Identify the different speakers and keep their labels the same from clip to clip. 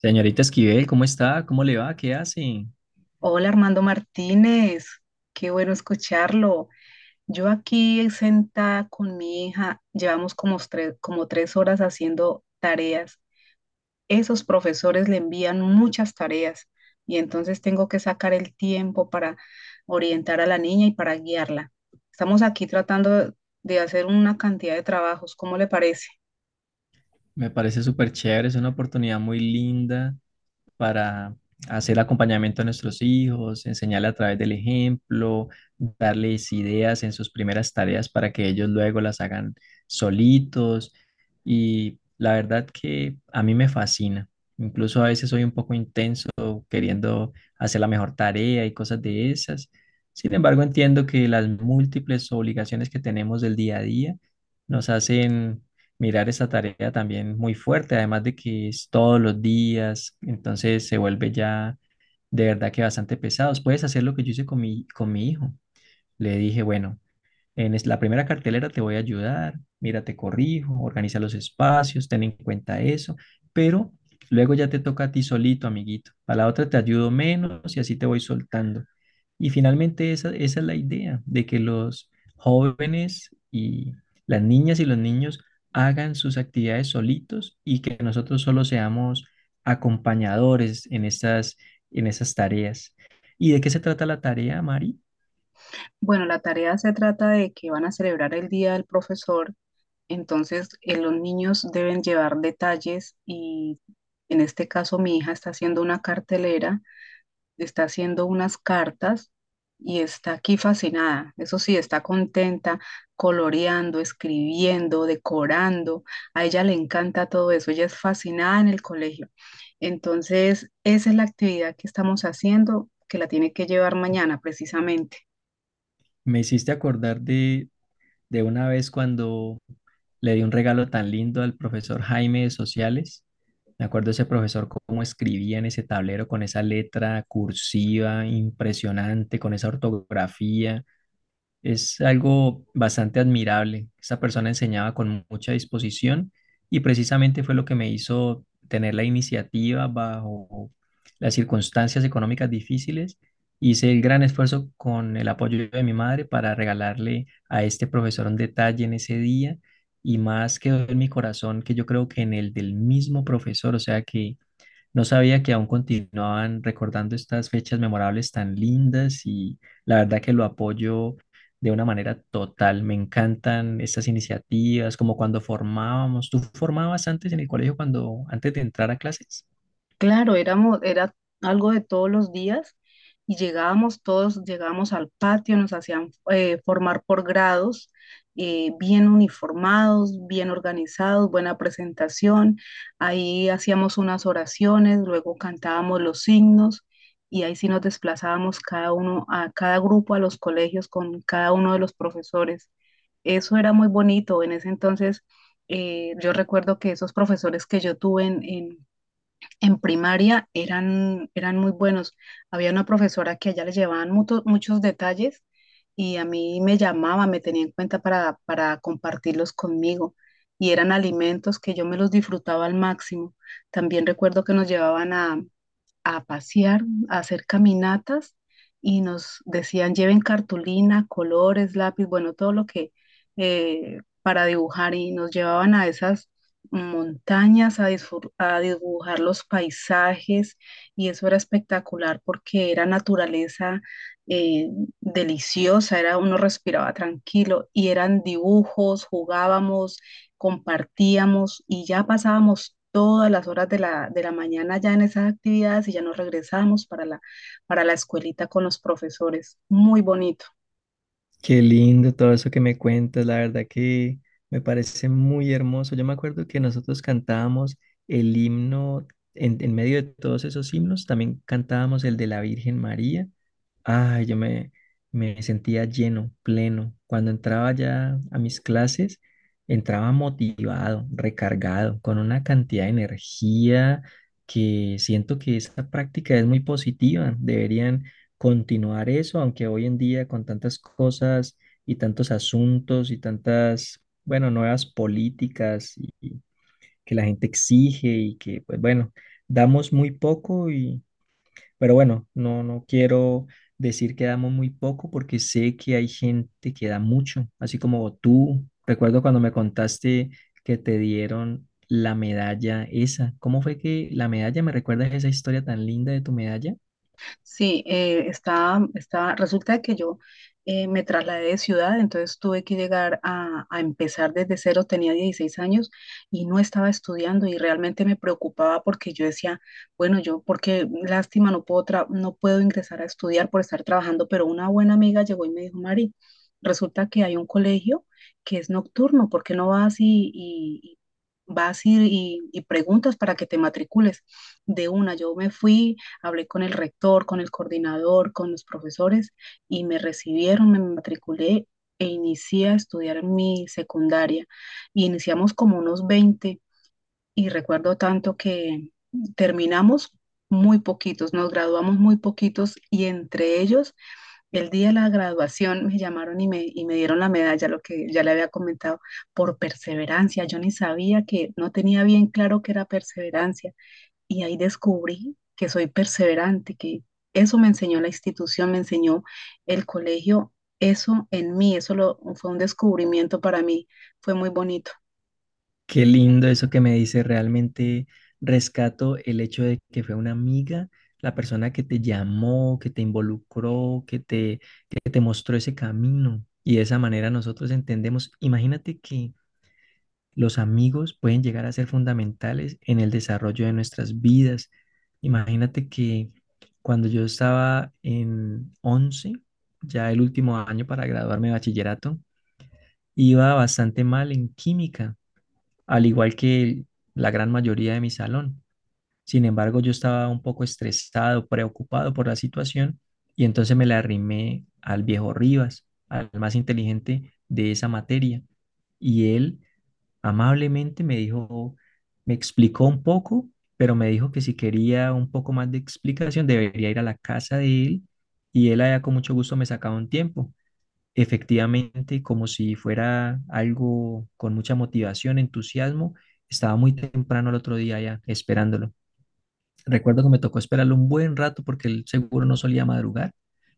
Speaker 1: Señorita Esquivel, ¿cómo está? ¿Cómo le va? ¿Qué hace?
Speaker 2: Hola Armando Martínez, qué bueno escucharlo. Yo aquí sentada con mi hija, llevamos como tres horas haciendo tareas. Esos profesores le envían muchas tareas y entonces tengo que sacar el tiempo para orientar a la niña y para guiarla. Estamos aquí tratando de hacer una cantidad de trabajos, ¿cómo le parece?
Speaker 1: Me parece súper chévere, es una oportunidad muy linda para hacer acompañamiento a nuestros hijos, enseñarle a través del ejemplo, darles ideas en sus primeras tareas para que ellos luego las hagan solitos. Y la verdad que a mí me fascina. Incluso a veces soy un poco intenso queriendo hacer la mejor tarea y cosas de esas. Sin embargo, entiendo que las múltiples obligaciones que tenemos del día a día nos hacen mirar esa tarea también muy fuerte, además de que es todos los días, entonces se vuelve ya de verdad que bastante pesados. Puedes hacer lo que yo hice con mi hijo. Le dije, bueno, la primera cartelera te voy a ayudar, mira, te corrijo, organiza los espacios, ten en cuenta eso, pero luego ya te toca a ti solito, amiguito. A la otra te ayudo menos y así te voy soltando. Y finalmente esa es la idea, de que los jóvenes y las niñas y los niños hagan sus actividades solitos y que nosotros solo seamos acompañadores en esas tareas. ¿Y de qué se trata la tarea, Mari?
Speaker 2: Bueno, la tarea se trata de que van a celebrar el Día del Profesor. Entonces, los niños deben llevar detalles y, en este caso, mi hija está haciendo una cartelera, está haciendo unas cartas y está aquí fascinada. Eso sí, está contenta, coloreando, escribiendo, decorando. A ella le encanta todo eso. Ella es fascinada en el colegio. Entonces, esa es la actividad que estamos haciendo, que la tiene que llevar mañana precisamente.
Speaker 1: Me hiciste acordar de una vez cuando le di un regalo tan lindo al profesor Jaime de Sociales. Me acuerdo ese profesor cómo escribía en ese tablero con esa letra cursiva impresionante, con esa ortografía. Es algo bastante admirable. Esta persona enseñaba con mucha disposición y precisamente fue lo que me hizo tener la iniciativa bajo las circunstancias económicas difíciles. Hice el gran esfuerzo con el apoyo de mi madre para regalarle a este profesor un detalle en ese día y más quedó en mi corazón que yo creo que en el del mismo profesor, o sea que no sabía que aún continuaban recordando estas fechas memorables tan lindas y la verdad que lo apoyo de una manera total. Me encantan estas iniciativas, como cuando formábamos. ¿Tú formabas antes en el colegio cuando antes de entrar a clases?
Speaker 2: Claro, éramos, era algo de todos los días y llegábamos todos, llegábamos al patio, nos hacían formar por grados, bien uniformados, bien organizados, buena presentación. Ahí hacíamos unas oraciones, luego cantábamos los signos y ahí sí nos desplazábamos cada uno, a cada grupo, a los colegios con cada uno de los profesores. Eso era muy bonito. En ese entonces, yo recuerdo que esos profesores que yo tuve en primaria eran muy buenos. Había una profesora que a ella le llevaban muchos detalles y a mí me llamaba, me tenía en cuenta para compartirlos conmigo. Y eran alimentos que yo me los disfrutaba al máximo. También recuerdo que nos llevaban a pasear, a hacer caminatas y nos decían lleven cartulina, colores, lápiz, bueno, todo lo que para dibujar, y nos llevaban a esas montañas a a dibujar los paisajes, y eso era espectacular porque era naturaleza, eh, deliciosa, era, uno respiraba tranquilo, y eran dibujos, jugábamos, compartíamos y ya pasábamos todas las horas de la mañana ya en esas actividades y ya nos regresábamos para la escuelita con los profesores. Muy bonito.
Speaker 1: Qué lindo todo eso que me cuentas, la verdad que me parece muy hermoso. Yo me acuerdo que nosotros cantábamos el himno, en medio de todos esos himnos, también cantábamos el de la Virgen María. Ay, me sentía lleno, pleno. Cuando entraba ya a mis clases, entraba motivado, recargado, con una cantidad de energía que siento que esa práctica es muy positiva. Deberían continuar eso, aunque hoy en día con tantas cosas y tantos asuntos y tantas, bueno, nuevas políticas y que la gente exige y que, pues bueno, damos muy poco y, pero bueno, no quiero decir que damos muy poco porque sé que hay gente que da mucho, así como tú. Recuerdo cuando me contaste que te dieron la medalla esa. ¿Cómo fue que la medalla? ¿Me recuerdas esa historia tan linda de tu medalla?
Speaker 2: Sí, está. Resulta que yo, me trasladé de ciudad, entonces tuve que llegar a empezar desde cero, tenía 16 años y no estaba estudiando y realmente me preocupaba porque yo decía, bueno, yo, porque lástima, no puedo ingresar a estudiar por estar trabajando, pero una buena amiga llegó y me dijo, Mari, resulta que hay un colegio que es nocturno, ¿por qué no y vas y preguntas para que te matricules? De una, yo me fui. Hablé con el rector, con el coordinador, con los profesores y me recibieron, me matriculé e inicié a estudiar mi secundaria. Y iniciamos como unos 20 y recuerdo tanto que terminamos muy poquitos, nos graduamos muy poquitos y, entre ellos, el día de la graduación me llamaron y y me dieron la medalla, lo que ya le había comentado, por perseverancia. Yo ni sabía que, no tenía bien claro que era perseverancia y ahí descubrí que soy perseverante, que eso me enseñó la institución, me enseñó el colegio, eso en mí, fue un descubrimiento para mí, fue muy bonito.
Speaker 1: Qué lindo eso que me dice. Realmente rescato el hecho de que fue una amiga, la persona que te llamó, que te involucró, que te mostró ese camino. Y de esa manera nosotros entendemos. Imagínate que los amigos pueden llegar a ser fundamentales en el desarrollo de nuestras vidas. Imagínate que cuando yo estaba en 11, ya el último año para graduarme de bachillerato, iba bastante mal en química al igual que la gran mayoría de mi salón. Sin embargo, yo estaba un poco estresado, preocupado por la situación y entonces me la arrimé al viejo Rivas, al más inteligente de esa materia. Y él amablemente me dijo, me explicó un poco, pero me dijo que si quería un poco más de explicación debería ir a la casa de él y él allá con mucho gusto me sacaba un tiempo. Efectivamente, como si fuera algo con mucha motivación, entusiasmo, estaba muy temprano el otro día ya esperándolo. Recuerdo que me tocó esperarlo un buen rato porque el seguro no solía madrugar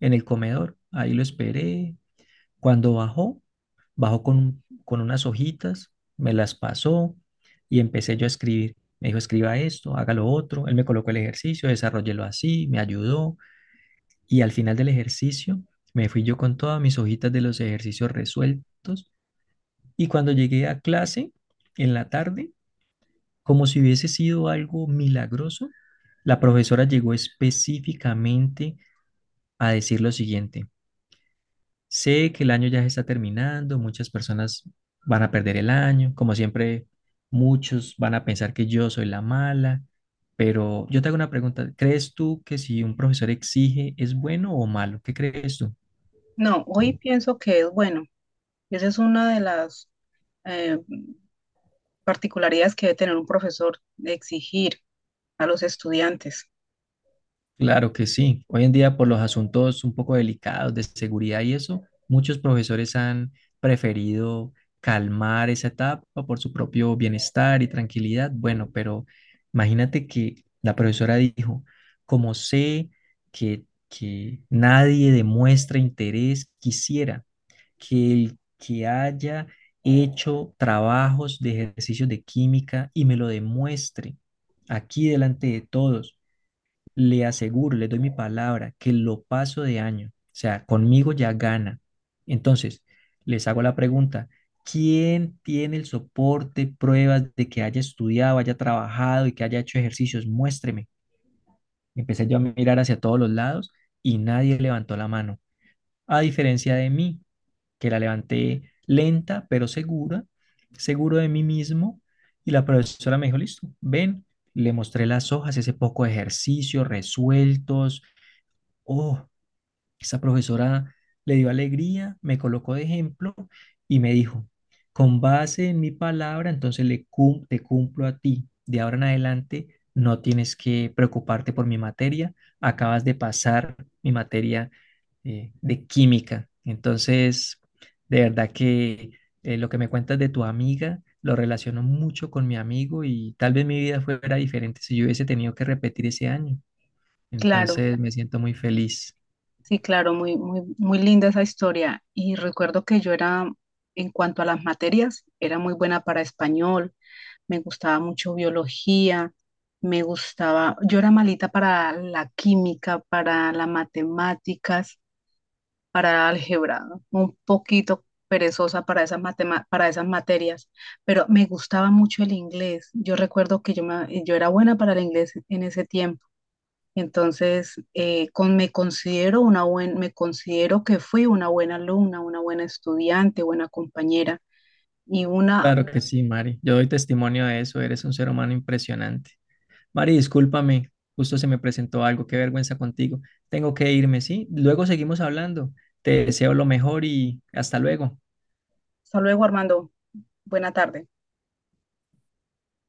Speaker 1: en el comedor. Ahí lo esperé. Cuando bajó, bajó con unas hojitas, me las pasó y empecé yo a escribir. Me dijo, escriba esto, haga lo otro. Él me colocó el ejercicio, desarrollelo así, me ayudó. Y al final del ejercicio me fui yo con todas mis hojitas de los ejercicios resueltos y cuando llegué a clase en la tarde, como si hubiese sido algo milagroso, la profesora llegó específicamente a decir lo siguiente. Sé que el año ya se está terminando, muchas personas van a perder el año, como siempre muchos van a pensar que yo soy la mala, pero yo te hago una pregunta, ¿crees tú que si un profesor exige es bueno o malo? ¿Qué crees tú?
Speaker 2: No, hoy pienso que es bueno. Y esa es una de las eh, particularidades que debe tener un profesor, de exigir a los estudiantes.
Speaker 1: Claro que sí. Hoy en día, por los asuntos un poco delicados de seguridad y eso, muchos profesores han preferido calmar esa etapa por su propio bienestar y tranquilidad. Bueno, pero imagínate que la profesora dijo, como sé que nadie demuestra interés, quisiera que el que haya hecho trabajos de ejercicios de química y me lo demuestre aquí delante de todos le aseguro, le doy mi palabra que lo paso de año. O sea, conmigo ya gana. Entonces, les hago la pregunta, ¿quién tiene el soporte, pruebas de que haya estudiado, haya trabajado y que haya hecho ejercicios? Muéstreme. Empecé yo a mirar hacia todos los lados y nadie levantó la mano. A diferencia de mí, que la levanté lenta pero segura, seguro de mí mismo. Y la profesora me dijo, listo, ven, le mostré las hojas, ese poco de ejercicio, resueltos oh, esa profesora le dio alegría, me colocó de ejemplo y me dijo, con base en mi palabra, entonces te cumplo a ti. De ahora en adelante no tienes que preocuparte por mi materia, acabas de pasar mi materia de química. Entonces, de verdad que lo que me cuentas de tu amiga lo relaciono mucho con mi amigo y tal vez mi vida fuera diferente si yo hubiese tenido que repetir ese año.
Speaker 2: Claro,
Speaker 1: Entonces me siento muy feliz.
Speaker 2: sí, claro, muy, muy, muy linda esa historia. Y recuerdo que yo era, en cuanto a las materias, era muy buena para español, me gustaba mucho biología, me gustaba, yo era malita para la química, para las matemáticas, para álgebra, ¿no? Un poquito perezosa para esas para esas materias, pero me gustaba mucho el inglés. Yo recuerdo que yo era buena para el inglés en ese tiempo. Entonces, me considero que fui una buena alumna, una buena estudiante, buena compañera y una,
Speaker 1: Claro que sí, Mari. Yo doy testimonio de eso. Eres un ser humano impresionante. Mari, discúlpame. Justo se me presentó algo. Qué vergüenza contigo. Tengo que irme, ¿sí? Luego seguimos hablando. Te deseo lo mejor y hasta luego.
Speaker 2: hasta luego, Armando, buena tarde.